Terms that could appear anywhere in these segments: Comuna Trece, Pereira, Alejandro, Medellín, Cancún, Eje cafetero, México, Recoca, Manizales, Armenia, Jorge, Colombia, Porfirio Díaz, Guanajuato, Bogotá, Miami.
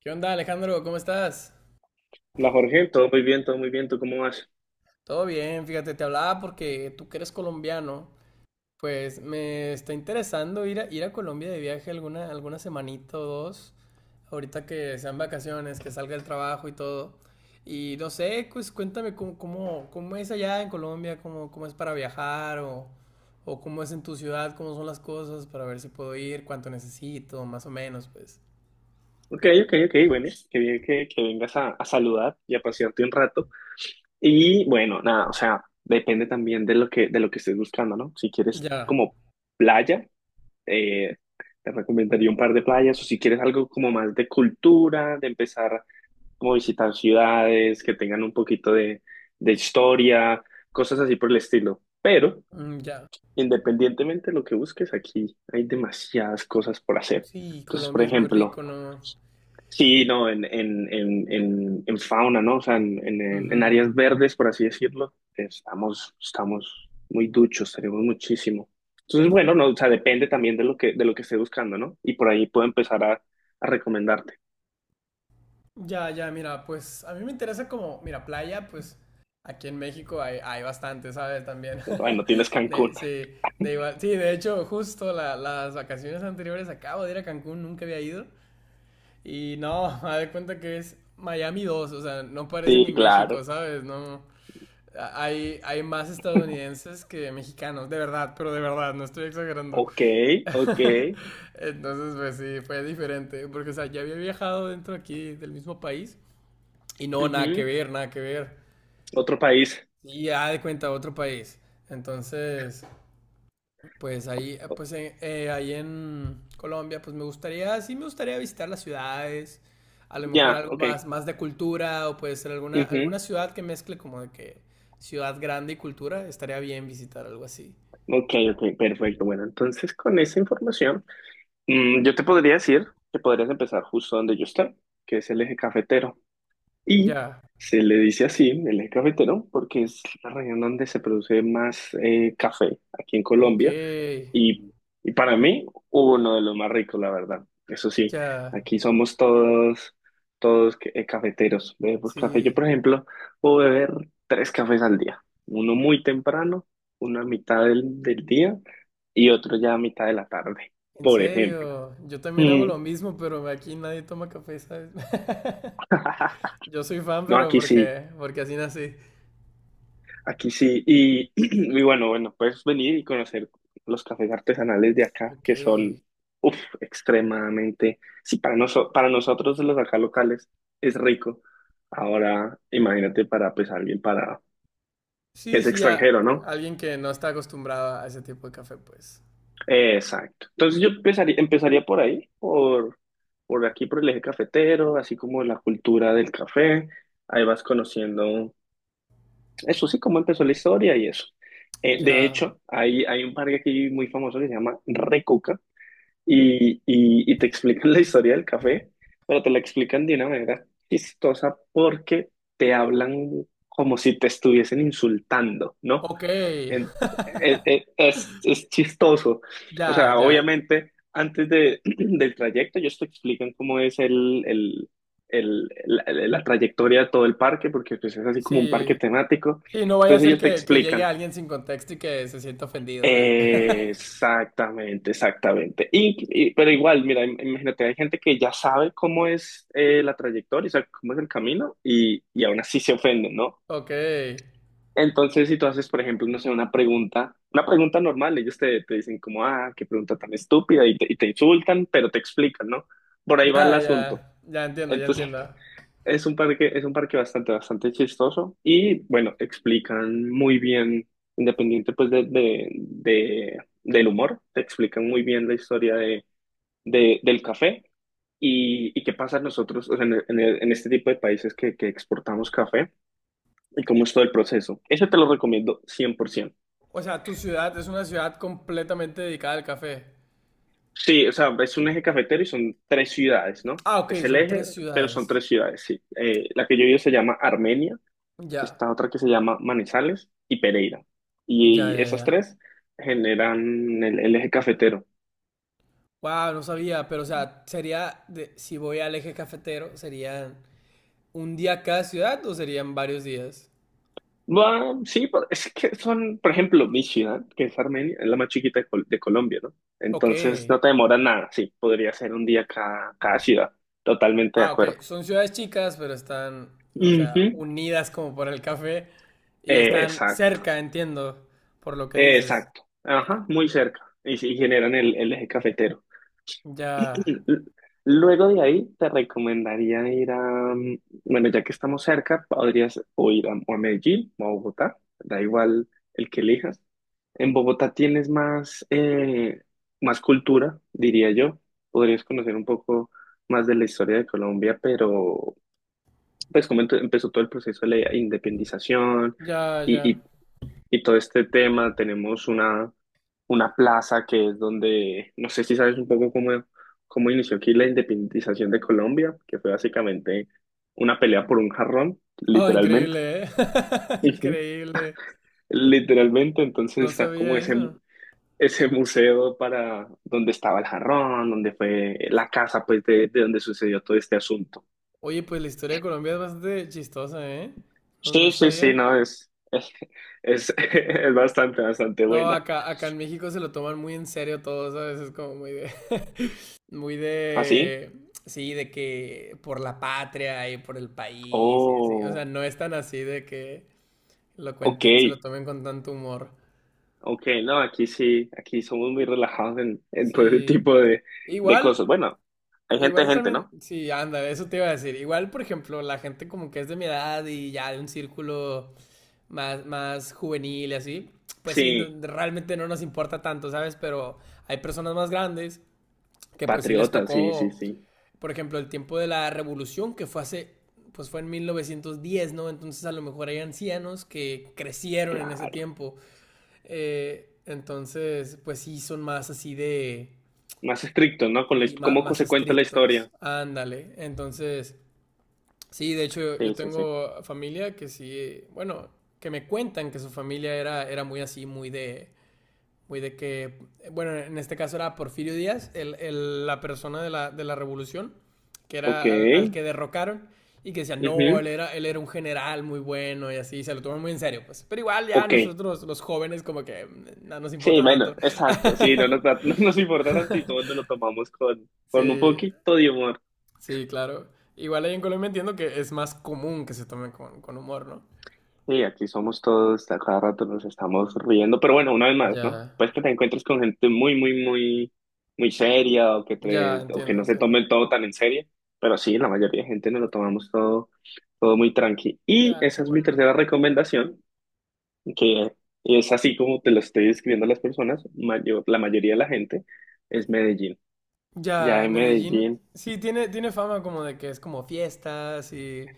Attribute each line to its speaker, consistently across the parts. Speaker 1: ¿Qué onda, Alejandro? ¿Cómo estás?
Speaker 2: La Jorge, todo muy bien, ¿tú cómo vas?
Speaker 1: Todo bien, fíjate, te hablaba porque tú que eres colombiano, pues me está interesando ir a Colombia de viaje alguna semanita o dos, ahorita que sean vacaciones, que salga el trabajo y todo. Y no sé, pues cuéntame cómo es allá en Colombia, cómo es para viajar o cómo es en tu ciudad, cómo son las cosas, para ver si puedo ir, cuánto necesito, más o menos, pues.
Speaker 2: Ok, ok, ok, bueno, qué bien que vengas a saludar y a pasearte un rato. Y bueno, nada, o sea, depende también de lo que estés buscando, ¿no? Si quieres
Speaker 1: Ya,
Speaker 2: como playa, eh, te recomendaría un par de playas, o si quieres algo como más de cultura, de empezar como a visitar ciudades que tengan un poquito de historia, cosas así por el estilo. Pero
Speaker 1: ya.
Speaker 2: independientemente de lo que busques, aquí hay demasiadas cosas por hacer.
Speaker 1: Sí,
Speaker 2: Entonces, por
Speaker 1: Colombia es muy
Speaker 2: ejemplo,
Speaker 1: rico, ¿no?
Speaker 2: sí, no, en fauna, ¿no? O sea, en
Speaker 1: Ujú.
Speaker 2: áreas verdes, por así decirlo, estamos muy duchos, tenemos muchísimo. Entonces, bueno, no, o sea, depende también de lo que esté buscando, ¿no? Y por ahí puedo empezar a recomendarte.
Speaker 1: Ya, ya, mira, pues a mí me interesa como, mira, playa, pues aquí en México hay, hay bastante, ¿sabes? También.
Speaker 2: Bueno, tienes
Speaker 1: De,
Speaker 2: Cancún.
Speaker 1: sí, de igual, sí, de hecho, justo las vacaciones anteriores acabo de ir a Cancún, nunca había ido. Y no, me de cuenta que es Miami 2, o sea, no parece
Speaker 2: Sí,
Speaker 1: ni México,
Speaker 2: claro.
Speaker 1: ¿sabes? No, hay, hay más estadounidenses que mexicanos, de verdad, pero de verdad, no estoy exagerando.
Speaker 2: Ok, ok.
Speaker 1: Entonces, pues sí, fue diferente, porque, o sea, ya había viajado dentro aquí del mismo país y no, nada que
Speaker 2: Ujú.
Speaker 1: ver, nada que ver.
Speaker 2: Otro país.
Speaker 1: Y ya de cuenta, otro país. Entonces, pues ahí en Colombia, pues me gustaría, sí me gustaría visitar las ciudades, a lo mejor
Speaker 2: Ya,
Speaker 1: algo
Speaker 2: ok.
Speaker 1: más, más de cultura, o puede ser alguna,
Speaker 2: Ujú.
Speaker 1: alguna ciudad que mezcle como de que ciudad grande y cultura, estaría bien visitar algo así.
Speaker 2: Ok, ok, perfecto. Bueno, entonces con esa información, yo te podría decir que podrías empezar justo donde yo estoy, que es el eje cafetero. Y
Speaker 1: Ya,
Speaker 2: se le dice así, el eje cafetero, porque es la región donde se produce más café aquí en
Speaker 1: ok,
Speaker 2: Colombia. Y, y para mí, uno de los más ricos, la verdad. Eso sí,
Speaker 1: ya,
Speaker 2: aquí somos todos, cafeteros. Bebemos café. Yo,
Speaker 1: sí,
Speaker 2: por ejemplo, puedo beber tres cafés al día. Uno muy temprano, uno a mitad del día y otro ya a mitad de la tarde,
Speaker 1: en
Speaker 2: por ejemplo.
Speaker 1: serio, yo también hago
Speaker 2: Mm.
Speaker 1: lo mismo, pero aquí nadie toma café, ¿sabes? Yo soy fan,
Speaker 2: No,
Speaker 1: pero
Speaker 2: aquí sí.
Speaker 1: porque, porque así nací.
Speaker 2: Aquí sí, y, y bueno, bueno, puedes venir y conocer los cafés artesanales de acá,
Speaker 1: Ok.
Speaker 2: que son uf, extremadamente, sí, para nosotros los acá locales es rico. Ahora, imagínate para pues alguien para que
Speaker 1: Sí,
Speaker 2: es
Speaker 1: sí, a
Speaker 2: extranjero, ¿no?
Speaker 1: alguien que no está acostumbrado a ese tipo de café, pues.
Speaker 2: Exacto. Entonces yo empezaría por ahí, por aquí, por el eje cafetero, así como la cultura del café. Ahí vas conociendo. Eso sí, cómo empezó la historia y eso. De
Speaker 1: Ya.
Speaker 2: hecho, hay un parque aquí muy famoso que se llama Recoca y te explican la historia del café, pero te la explican de una manera chistosa porque te hablan como si te estuviesen insultando, ¿no?
Speaker 1: Ok.
Speaker 2: En- es chistoso. O
Speaker 1: Ya,
Speaker 2: sea,
Speaker 1: ya.
Speaker 2: obviamente, antes de, del trayecto, ellos te explican cómo es la trayectoria de todo el parque, porque pues, es así como un parque
Speaker 1: Sí.
Speaker 2: temático.
Speaker 1: Sí, no vaya a
Speaker 2: Entonces
Speaker 1: ser
Speaker 2: ellos te
Speaker 1: que llegue
Speaker 2: explican.
Speaker 1: alguien sin contexto y que se sienta ofendido, ¿sabes?
Speaker 2: Exactamente, exactamente. Pero igual, mira, imagínate, hay gente que ya sabe cómo es la trayectoria, o sea, cómo es el camino, y aún así se ofenden, ¿no?
Speaker 1: Ok.
Speaker 2: Entonces, si tú haces, por ejemplo, no sé, una pregunta normal, te dicen como, ah, qué pregunta tan estúpida, y te insultan, pero te explican, ¿no? Por ahí va el
Speaker 1: Ya, ya.
Speaker 2: asunto.
Speaker 1: Ya entiendo, ya
Speaker 2: Entonces,
Speaker 1: entiendo.
Speaker 2: es un parque bastante, bastante chistoso y, bueno, explican muy bien, independiente pues del humor, te explican muy bien la historia del café y qué pasa nosotros, o sea, en este tipo de países que exportamos café y cómo es todo el proceso. Eso te lo recomiendo 100%.
Speaker 1: O sea, tu ciudad es una ciudad completamente dedicada al café.
Speaker 2: Sí, o sea, es un eje cafetero y son tres ciudades, ¿no?
Speaker 1: Ah, ok,
Speaker 2: Es el
Speaker 1: son
Speaker 2: eje,
Speaker 1: tres
Speaker 2: pero son
Speaker 1: ciudades.
Speaker 2: tres ciudades, sí. La que yo vivo se llama Armenia,
Speaker 1: Ya,
Speaker 2: esta otra que se llama Manizales y Pereira.
Speaker 1: ya,
Speaker 2: Y
Speaker 1: ya,
Speaker 2: esas
Speaker 1: ya.
Speaker 2: tres generan el eje cafetero.
Speaker 1: Wow, no sabía, pero o sea, sería, si voy al eje cafetero, ¿serían un día cada ciudad o serían varios días?
Speaker 2: Va, sí, pero es que son, por ejemplo, mi ciudad, que es Armenia, es la más chiquita de, de Colombia, ¿no?
Speaker 1: Ok.
Speaker 2: Entonces no te demora nada, sí, podría ser un día cada ciudad, totalmente de
Speaker 1: Ah,
Speaker 2: acuerdo.
Speaker 1: ok. Son ciudades chicas, pero están, o sea,
Speaker 2: Ujú.
Speaker 1: unidas como por el café y están
Speaker 2: Exacto.
Speaker 1: cerca, entiendo, por lo que dices.
Speaker 2: Exacto,
Speaker 1: Ya,
Speaker 2: ajá, muy cerca y, sí, generan el eje cafetero.
Speaker 1: ya,
Speaker 2: L- Luego de ahí te recomendaría ir bueno, ya que estamos cerca, podrías o ir o a Medellín o a Bogotá, da igual el que elijas. En Bogotá tienes más, más cultura, diría yo. Podrías conocer un poco más de la historia de Colombia, pero pues como empezó todo el proceso de la independización
Speaker 1: ya, ya.
Speaker 2: y, y todo este tema. Tenemos una plaza que es donde, no sé si sabes un poco cómo inició aquí la independización de Colombia, que fue básicamente una pelea por un jarrón,
Speaker 1: Oh,
Speaker 2: literalmente.
Speaker 1: increíble, ¿eh?
Speaker 2: Ujú.
Speaker 1: Increíble.
Speaker 2: Literalmente,
Speaker 1: No
Speaker 2: entonces está
Speaker 1: sabía
Speaker 2: como ese,
Speaker 1: eso.
Speaker 2: ese museo para donde estaba el jarrón, donde fue la casa, pues, de donde sucedió todo este asunto.
Speaker 1: Oye, pues la historia de Colombia es bastante chistosa, ¿eh? No, no
Speaker 2: Sí,
Speaker 1: sabía.
Speaker 2: no, es bastante, bastante
Speaker 1: No,
Speaker 2: buena.
Speaker 1: acá, acá en México se lo toman muy en serio todo, ¿sabes? Es como muy de, muy
Speaker 2: ¿Así?
Speaker 1: de, sí, de que por la patria y por el país y así. O sea,
Speaker 2: Oh,
Speaker 1: no es tan así de que lo
Speaker 2: ok.
Speaker 1: cuenten, se lo tomen con tanto humor.
Speaker 2: Ok, no, aquí sí, aquí somos muy relajados en todo ese
Speaker 1: Sí.
Speaker 2: tipo de
Speaker 1: Igual,
Speaker 2: cosas. Bueno, hay
Speaker 1: igual
Speaker 2: gente,
Speaker 1: también,
Speaker 2: ¿no?
Speaker 1: sí, anda, eso te iba a decir. Igual, por ejemplo, la gente como que es de mi edad y ya de un círculo más, más juvenil y así, pues sí,
Speaker 2: Sí,
Speaker 1: realmente no nos importa tanto, ¿sabes? Pero hay personas más grandes que pues sí les
Speaker 2: patriota, sí, sí,
Speaker 1: tocó
Speaker 2: sí,
Speaker 1: por ejemplo, el tiempo de la revolución, que fue hace, pues fue en 1910, ¿no? Entonces a lo mejor hay ancianos que crecieron en ese
Speaker 2: claro.
Speaker 1: tiempo. Entonces, pues sí, son más así de,
Speaker 2: Más estricto, ¿no? Con
Speaker 1: sí, más
Speaker 2: cómo
Speaker 1: más,
Speaker 2: se cuenta la
Speaker 1: estrictos.
Speaker 2: historia.
Speaker 1: Ándale. Entonces, sí, de hecho yo
Speaker 2: Sí, sí, sí.
Speaker 1: tengo familia que sí, bueno, que me cuentan que su familia era, era muy así, muy de que, bueno, en este caso era Porfirio Díaz, el, la persona de la revolución, que
Speaker 2: Ok,
Speaker 1: era al, al que derrocaron, y que decía, no,
Speaker 2: ujú,
Speaker 1: él era un general muy bueno y así, se lo toman muy en serio, pues. Pero igual ya
Speaker 2: ok.
Speaker 1: nosotros, los jóvenes, como que no nos
Speaker 2: Sí,
Speaker 1: importa
Speaker 2: bueno,
Speaker 1: tanto.
Speaker 2: exacto, sí, no nos importa tanto y todos nos lo tomamos con un
Speaker 1: sí,
Speaker 2: poquito de humor.
Speaker 1: sí, claro. Igual ahí en Colombia entiendo que es más común que se tomen con humor, ¿no?
Speaker 2: Sí, aquí somos todos, a cada rato nos estamos riendo, pero bueno, una vez más, ¿no?
Speaker 1: Ya,
Speaker 2: Pues que te encuentres con gente muy seria o
Speaker 1: ya,
Speaker 2: o que
Speaker 1: entiendo,
Speaker 2: no se
Speaker 1: entiendo.
Speaker 2: tome todo tan en serio, pero sí, la mayoría de gente nos lo tomamos todo, todo muy tranqui. Y
Speaker 1: Ya, qué
Speaker 2: esa es mi
Speaker 1: bueno.
Speaker 2: tercera recomendación, que es así como te lo estoy describiendo a las personas, la mayoría de la gente es Medellín. Ya
Speaker 1: Ya,
Speaker 2: en
Speaker 1: Medellín,
Speaker 2: Medellín.
Speaker 1: sí, tiene, tiene fama como de que es como fiestas y...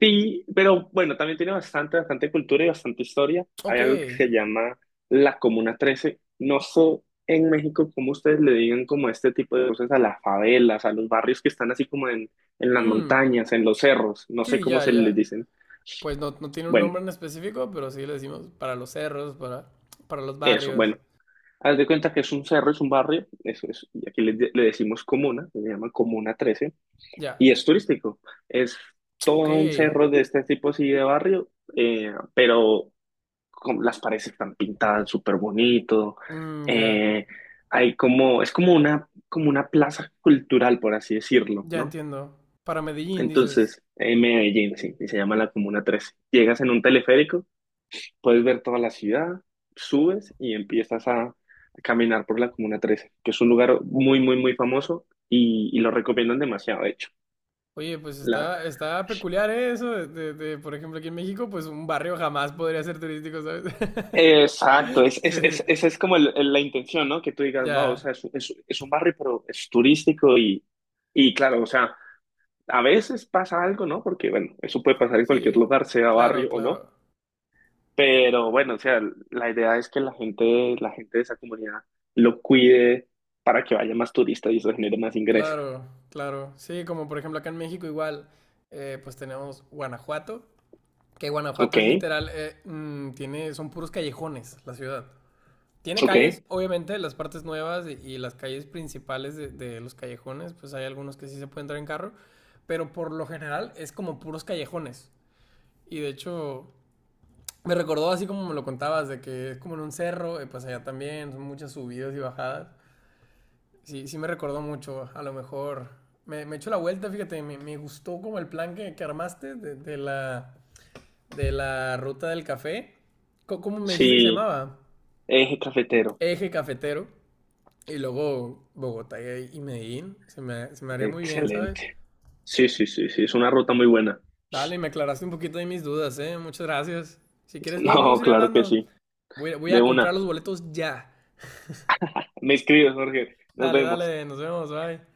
Speaker 2: Sí, pero bueno, también tiene bastante, bastante cultura y bastante historia. Hay
Speaker 1: Ok.
Speaker 2: algo que se llama la Comuna Trece. No sé en México cómo ustedes le digan como este tipo de cosas a las favelas, a los barrios que están así como en las
Speaker 1: Mm,
Speaker 2: montañas, en los cerros. No sé
Speaker 1: sí,
Speaker 2: cómo
Speaker 1: ya,
Speaker 2: se les
Speaker 1: ya.
Speaker 2: dicen.
Speaker 1: Pues no, no tiene un nombre
Speaker 2: Bueno,
Speaker 1: en específico, pero sí le decimos para los cerros, para los
Speaker 2: eso,
Speaker 1: barrios.
Speaker 2: bueno. Haz de cuenta que es un cerro, es un barrio, eso es, y aquí le decimos comuna, se llama Comuna Trece
Speaker 1: Ya.
Speaker 2: y es turístico. Es
Speaker 1: Ok.
Speaker 2: todo un cerro de este tipo así de barrio, pero como las paredes están pintadas súper bonito.
Speaker 1: Mm, ya.
Speaker 2: Eh, hay como, es como una plaza cultural, por así decirlo,
Speaker 1: Ya
Speaker 2: ¿no?
Speaker 1: entiendo. Para Medellín dices.
Speaker 2: Entonces, en Medellín, sí, y se llama la Comuna Trece. Llegas en un teleférico, puedes ver toda la ciudad, subes y empiezas a caminar por la Comuna Trece que es un lugar muy famoso y lo recomiendan demasiado, de hecho.
Speaker 1: Oye, pues
Speaker 2: La,
Speaker 1: está, está peculiar ¿eh? Eso. De, de, por ejemplo, aquí en México, pues un barrio jamás podría ser turístico, ¿sabes?
Speaker 2: Exacto,
Speaker 1: Sí,
Speaker 2: esa es como la intención, ¿no? Que tú digas, wow, o
Speaker 1: ya.
Speaker 2: sea, es un barrio, pero es turístico y claro, o sea, a veces pasa algo, ¿no? Porque, bueno, eso puede pasar en cualquier
Speaker 1: Sí,
Speaker 2: lugar, sea
Speaker 1: claro,
Speaker 2: barrio o no,
Speaker 1: claro.
Speaker 2: pero bueno, o sea, la idea es que la gente de esa comunidad lo cuide para que vaya más turista y eso genere más ingresos.
Speaker 1: Claro, claro. Sí, como por ejemplo acá en México igual, pues tenemos Guanajuato, que
Speaker 2: Ok,
Speaker 1: Guanajuato es literal, tiene, son puros callejones la ciudad. Tiene
Speaker 2: ok,
Speaker 1: calles, obviamente, las partes nuevas y las calles principales de los callejones, pues hay algunos que sí se pueden entrar en carro, pero por lo general es como puros callejones. Y de hecho, me recordó así como me lo contabas, de que es como en un cerro, y pues allá también son muchas subidas y bajadas. Sí, sí me recordó mucho, a lo mejor. Me echó la vuelta, fíjate, me gustó como el plan que armaste de la ruta del café. ¿Cómo me dijiste que se
Speaker 2: sí,
Speaker 1: llamaba?
Speaker 2: eje cafetero,
Speaker 1: Eje cafetero. Y luego Bogotá y Medellín. Se me haría muy bien, ¿sabes?
Speaker 2: excelente. Sí, sí, sí, sí, es una ruta muy buena.
Speaker 1: Dale, me aclaraste un poquito de mis dudas, ¿eh? Muchas gracias. Si quieres, luego podemos
Speaker 2: No,
Speaker 1: ir
Speaker 2: claro que
Speaker 1: hablando.
Speaker 2: sí,
Speaker 1: Voy, voy
Speaker 2: de
Speaker 1: a comprar
Speaker 2: una.
Speaker 1: los boletos ya.
Speaker 2: Me escribes, Jorge. Nos
Speaker 1: Dale,
Speaker 2: vemos.
Speaker 1: dale, nos vemos, bye.